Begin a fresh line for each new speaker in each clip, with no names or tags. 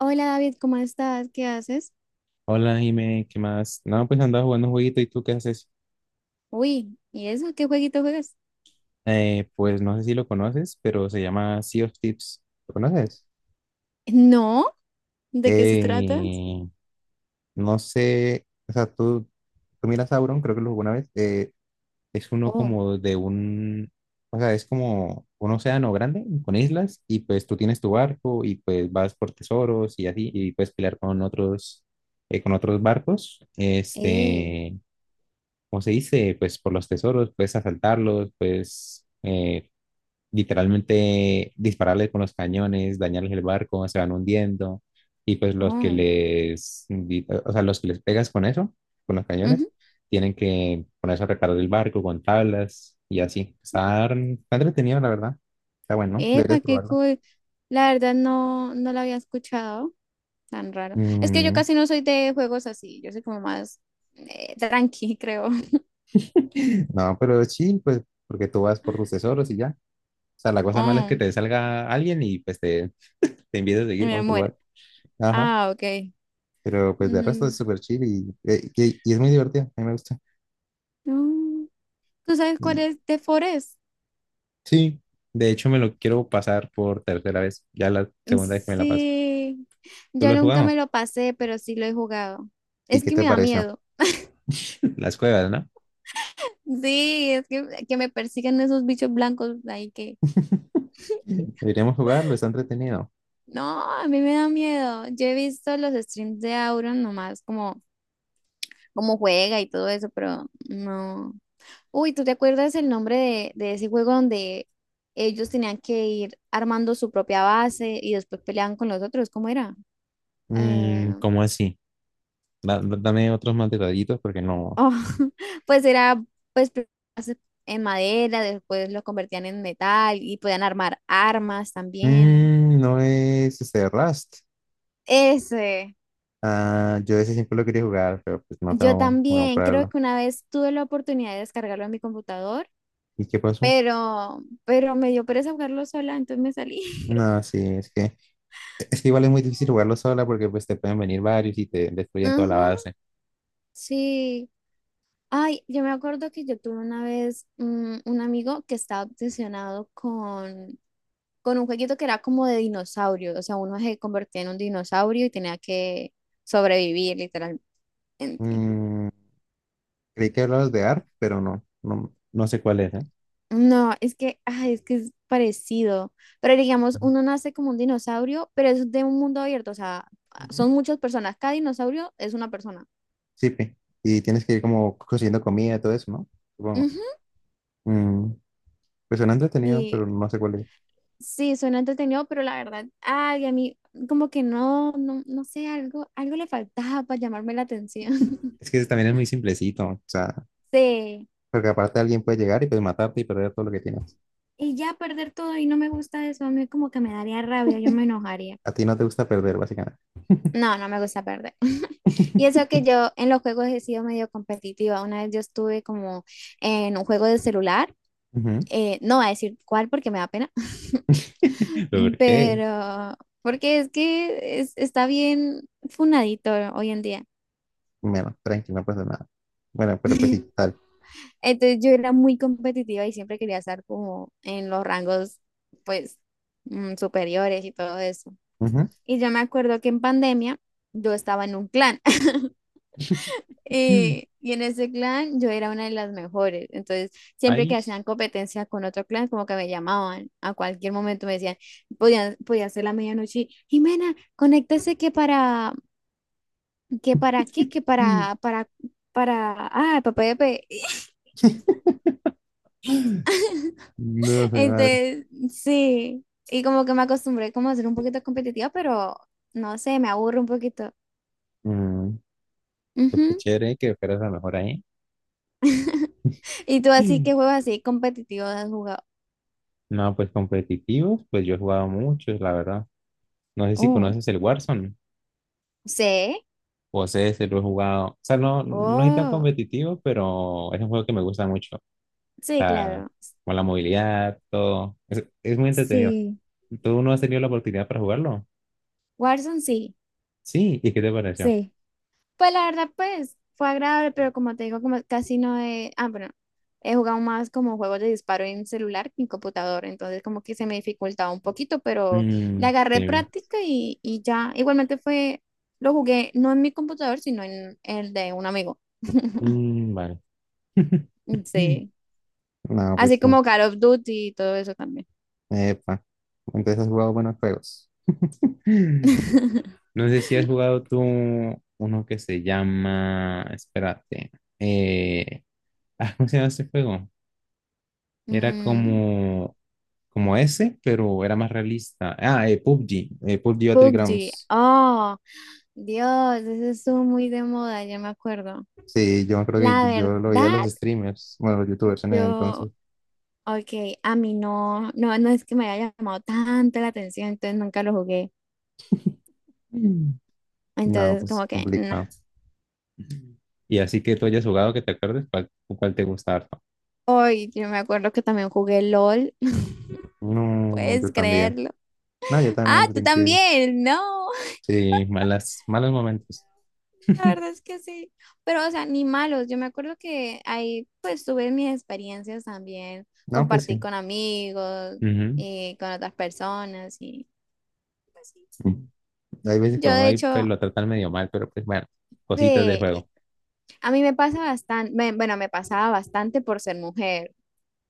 Hola David, ¿cómo estás? ¿Qué haces?
Hola, Jime, ¿qué más? No, pues andaba jugando un jueguito y tú qué haces.
Uy, ¿y eso? ¿Qué jueguito juegas?
Pues no sé si lo conoces, pero se llama Sea of Tips. ¿Lo conoces?
¿No? ¿De qué se trata?
Eh, no sé, o sea, tú miras Sauron, creo que lo jugó una vez. Es uno
Oh,
como de un, o sea, es como un océano grande con islas y pues tú tienes tu barco y pues vas por tesoros y así y puedes pelear con otros barcos.
eh,
Este, ¿cómo se dice? Pues por los tesoros, puedes asaltarlos, puedes literalmente dispararles con los cañones, dañarles el barco, se van hundiendo. Y pues los que
oh,
les, di- o sea, los que les pegas con eso, con los cañones,
ujú.
tienen que ponerse a reparar el barco con tablas y así. Está entretenido, la verdad. Está bueno, deberías
Epa, qué
probarlo.
cool. La verdad no, no la había escuchado, tan raro. Es que yo
Mm.
casi no soy de juegos así, yo soy como más tranqui, creo.
No, pero es chill, pues, porque tú vas por tus tesoros y ya. O sea, la cosa mala es que
Oh,
te salga alguien y pues te empieza a seguir
me
con tu
muero.
barco. Ajá,
Ah, ok.
pero pues de resto es
Mm,
súper chill y es muy divertido, a mí me gusta.
no. ¿Tú sabes cuál
Y
es The Forest?
sí, de hecho me lo quiero pasar por tercera vez, ya la segunda vez que me la paso.
Sí.
¿Tú
Yo
lo has
nunca me
jugado?
lo pasé, pero sí lo he jugado.
¿Y
Es
qué
que
te
me da
pareció?
miedo.
Las cuevas, ¿no?
Sí, es que me persigan esos bichos blancos ahí que...
Deberíamos jugarlo, está entretenido.
No, a mí me da miedo. Yo he visto los streams de Auron nomás, como, como juega y todo eso, pero no. Uy, ¿tú te acuerdas el nombre de ese juego donde ellos tenían que ir armando su propia base y después peleaban con los otros? ¿Cómo era? Eh,
Mm, ¿cómo así? Dame otros más detallitos porque no.
Oh, pues era pues hace- en madera, después lo convertían en metal y podían armar armas también.
Mm, no es este Rust.
Ese,
Ah, yo ese siempre lo quería jugar, pero pues no
yo
tengo voy a
también creo
comprarlo.
que una vez tuve la oportunidad de descargarlo en mi computador,
¿Y qué pasó?
pero me dio pereza jugarlo sola, entonces me salí.
No, sí, es que igual es muy difícil jugarlo sola porque pues te pueden venir varios y te destruyen toda la
Ujú,
base.
sí. Ay, yo me acuerdo que yo tuve una vez un amigo que estaba obsesionado con un jueguito que era como de dinosaurio, o sea, uno se convertía en un dinosaurio y tenía que sobrevivir literalmente.
Mm, creí que hablabas de ARP, pero no, no, no sé cuál es, ¿eh?
No, es que, ay, es que es parecido, pero digamos,
Ujú.
uno nace como un dinosaurio, pero es de un mundo abierto, o sea,
Ujú.
son muchas personas, cada dinosaurio es una persona.
Sí, pe. Y tienes que ir como consiguiendo comida, todo eso, ¿no? Supongo.
Ujú,
Mm, pues suena entretenido,
y
pero no sé cuál es.
sí, suena entretenido, pero la verdad, ay, a mí como que no, no, no sé, algo, algo le faltaba para llamarme la atención.
Es que ese también es muy simplecito, o sea,
Sí.
porque aparte alguien puede llegar y pues matarte y perder todo lo que tienes.
Y ya perder todo y no me gusta eso, a mí como que me daría rabia, yo me enojaría.
A ti no te gusta perder, básicamente.
No, no me gusta perder. Y eso que yo en los juegos he sido medio competitiva. Una vez yo estuve como en un juego de celular,
Ujú.
no voy a decir cuál porque me da pena,
¿Pero por qué?
pero porque es que está bien funadito hoy en día.
Bueno, tranqui, no pasa nada. Bueno, pero pues sí, tal.
Entonces yo era muy competitiva y siempre quería estar como en los rangos pues superiores y todo eso.
Ujú.
Y yo me acuerdo que en pandemia yo estaba en un clan. Y en ese clan yo era una de las mejores. Entonces, siempre que hacían
País.
competencia con otro clan, como que me llamaban a cualquier momento, me decían, podía, podía ser la medianoche, y, Jimena, conéctese que para qué, que
No,
para, ah, papá de pe-".
mi madre.
Entonces, sí, y como que me acostumbré como a ser un poquito competitiva, pero no sé, me aburro un poquito.
Mm, pues qué
Ujú.
chévere que fueras la mejor ahí.
¿Y tú así que juegos así competitivos has jugado?
No, pues competitivos, pues yo he jugado muchos, la verdad. No sé si
Oh,
conoces el Warzone
sí.
o sé si lo he jugado. O sea, no, no es tan
Oh.
competitivo, pero es un juego que me gusta mucho. O
Sí,
sea,
claro.
con la movilidad, todo. Es muy entretenido.
Sí.
¿Tú no has tenido la oportunidad para jugarlo?
Warzone sí.
Sí, ¿y qué te pareció?
Sí. Pues la verdad, pues fue agradable, pero como te digo, como casi no he. Ah, bueno, he jugado más como juegos de disparo en celular que en computador, entonces como que se me dificultaba un poquito, pero le
Mm,
agarré
sí.
práctica y ya. Igualmente fue. Lo jugué no en mi computador, sino en el de un amigo.
Mm, vale.
Sí.
No, pues,
Así
sí.
como Call of Duty y todo eso también.
Epa, entonces has jugado buenos juegos. No sé si has jugado tú uno que se llama, espérate, eh, ah, ¿cómo se llama ese juego? Era
Mm,
como ese, pero era más realista. Ah, PUBG, PUBG
PUBG.
Battlegrounds.
Oh. Dios, eso estuvo muy de moda, ya me acuerdo.
Sí, yo creo que
La
yo lo veía a los
verdad,
streamers, bueno, los youtubers en ese entonces.
yo, ok, a mí no, no, no es que me haya llamado tanto la atención, entonces nunca lo jugué.
Mm. No,
Entonces,
pues
como que, no.
complicado. Y así que tú hayas jugado, que te acuerdes, ¿cuál te gusta harto?
Hoy, yo me acuerdo que también jugué LOL.
No,
¿Puedes
yo también.
creerlo?
No, yo
Ah,
también
tú
tengo que ir.
también, no.
Sí, malas, malos momentos.
La verdad es que sí, pero o sea, ni malos. Yo me acuerdo que ahí pues tuve mis experiencias también,
No, pues
compartí
sí.
con amigos
Ujú.
y con otras personas y pues sí.
Hay veces que
Yo
uno
de
ahí pues,
hecho,
lo tratan medio mal, pero pues bueno, cositas del
de,
juego.
a mí me pasa bastante, bueno, me pasaba bastante por ser mujer.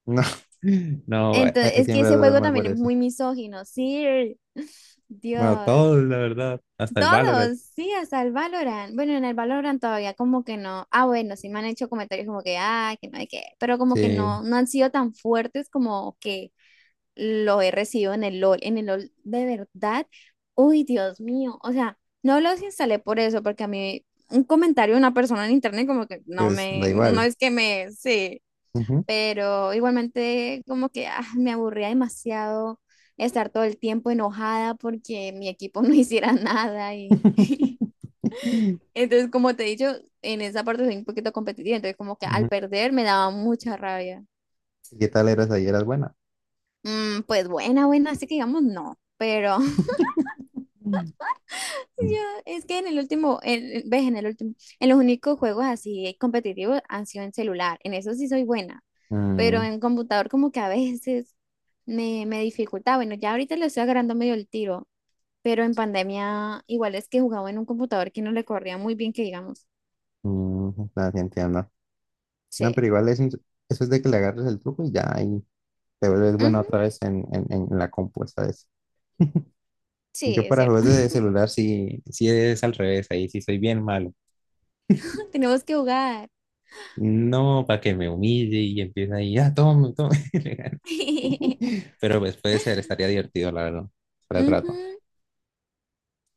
No. No, bueno, hay,
Entonces,
hay
es que
siempre
ese
de dar
juego
mal
también
por
es
eso.
muy misógino, sí,
Bueno,
Dios,
todo, la verdad, hasta el Valorant.
todos, sí, hasta el Valorant. Bueno, en el Valorant todavía como que no, ah, bueno, sí me han hecho comentarios como que, ah, que no hay que, pero como que
Sí,
no, no han sido tan fuertes como que lo he recibido en el LOL. En el LOL, de verdad, uy, Dios mío. O sea, no los instalé por eso, porque a mí un comentario de una persona en internet como que no
pues da
me, no
igual.
es que me, sí,
Ujú.
pero igualmente como que ah, me aburría demasiado estar todo el tiempo enojada porque mi equipo no hiciera nada y entonces como te he dicho, en esa parte soy un poquito competitiva, entonces como que al
Ujú.
perder me daba mucha rabia.
¿Y qué tal eras ahí? ¿Eras buena?
Mm, pues buena, buena, así que digamos no, pero
Mm,
yo, es que en el último, el ves, en el último, en los únicos juegos así competitivos han sido en celular. En eso sí soy buena, pero
mm,
en computador como que a veces me, me dificulta. Bueno, ya ahorita le estoy agarrando medio el tiro, pero en pandemia igual es que jugaba en un computador que no le corría muy bien, que digamos.
mm, no, sí entiendo. No,
Sí.
pero igual eso es de que le agarres el truco y ya ahí te vuelves bueno
Ujú,
otra vez en la compu, ¿sabes?
sí,
Yo
es
para
cierto.
juegos de celular sí, sí es al revés, ahí sí soy bien malo.
Tenemos que jugar.
No, para que me humille y empieza ahí, ah, tome, tome. Pero pues puede ser, estaría divertido, la verdad, para el rato.
Ujú.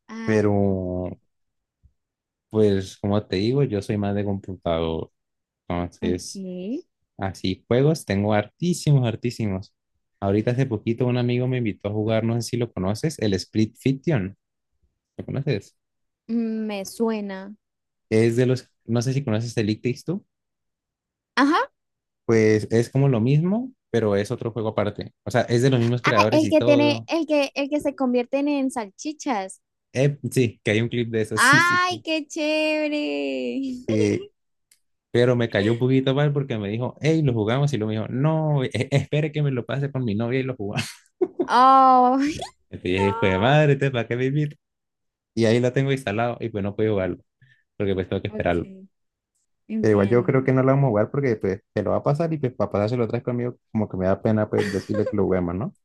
Ay, no.
Pero pues como te digo, yo soy más de computador.
Ok.
Entonces, así juegos, tengo hartísimos, hartísimos. Ahorita hace poquito un amigo me invitó a jugar, no sé si lo conoces, el Split Fiction. ¿Lo conoces?
Me suena.
Es de los, no sé si conoces el It Takes Two,
Ajá,
pues es como lo mismo, pero es otro juego aparte. O sea, es de los mismos
ah,
creadores
el
y
que tiene,
todo.
el que se convierten en salchichas.
Sí, que hay un clip de eso, sí, sí,
¡Ay,
sí.
qué chévere!
Eh, pero me cayó un poquito mal porque me dijo, hey, lo jugamos y luego me dijo, no, espere que me lo pase con mi novia y lo jugamos.
¡Oh,
Entonces dije, pues
no!
madre, ¿te para qué vivir? Y ahí lo tengo instalado y pues no puedo jugarlo, porque pues tengo que esperarlo.
Ok,
Pero igual yo creo
entiendo.
que no lo vamos a jugar porque pues te lo va a pasar y pues para pasárselo otra vez conmigo como que me da pena pues decirle que lo juguemos, ¿no?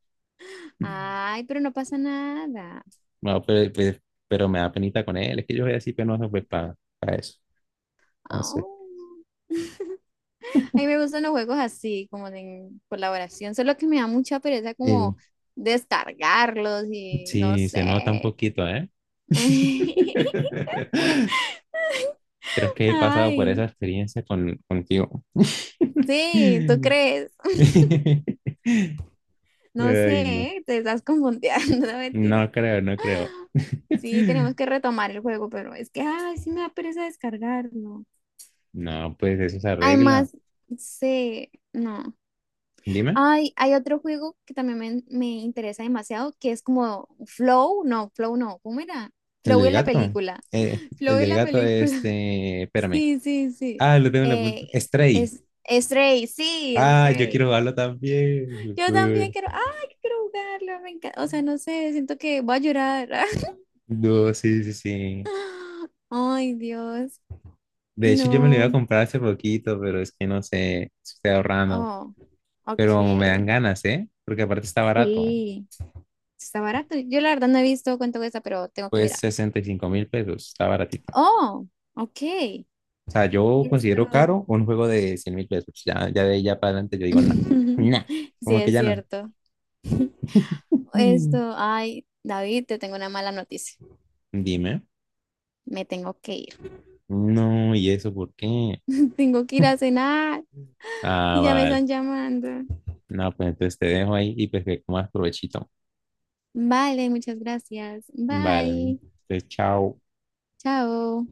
Ay, pero no pasa nada.
No, pero me da penita con él. Es que yo soy así penoso pues para eso. Entonces,
Au. A mí me gustan los juegos así, como de colaboración, solo que me da mucha pereza
sí.
como descargarlos y no
Sí, se nota un
sé.
poquito, ¿eh? Creo que he pasado por
Ay,
esa experiencia contigo.
sí, ¿tú crees? No
Ay, no.
sé, te estás confundiendo, mentira.
No creo, no creo.
Sí, tenemos que retomar el juego, pero es que, ay, sí me da pereza descargarlo.
No, pues eso se arregla.
Además, sé, no.
Dime,
Ay, hay otro juego que también me interesa demasiado, que es como Flow no, ¿cómo era?
el
Flow
del
es la
gato.
película.
Eh,
Flow
el
es
del
la
gato,
película.
este, espérame.
Sí, sí, sí.
Ah, lo tengo en la punta.
Eh,
Stray.
es Stray, sí,
Ah, yo
Stray.
quiero jugarlo también.
Yo también
Ujú.
quiero, ay, que quiero jugarlo, me encanta. O sea, no sé, siento que voy a llorar.
No, sí, sí, sí.
Ay, Dios.
De hecho, yo me lo iba a
No.
comprar hace poquito, pero es que no sé, estoy ahorrando.
Oh, ok.
Pero me dan ganas, ¿eh? Porque aparte está barato.
Sí, está barato. Yo la verdad no he visto cuánto cuesta, pero tengo que
Pues
mirar.
65.000 pesos, está baratito.
Oh, ok.
O sea, yo considero
Esto.
caro un juego de 100.000 pesos. Ya, ya de ahí ya para adelante yo digo, no, no,
Sí,
como que
es
ya no.
cierto. Esto,
Mm.
ay, David, te tengo una mala noticia.
Dime.
Me tengo que ir.
No, ¿y eso por qué?
Tengo que ir a cenar
Ah,
y ya me
vale.
están llamando.
No, pues entonces te dejo ahí y pues que comas provechito.
Vale, muchas gracias.
Vale,
Bye.
entonces, chao.
Chao.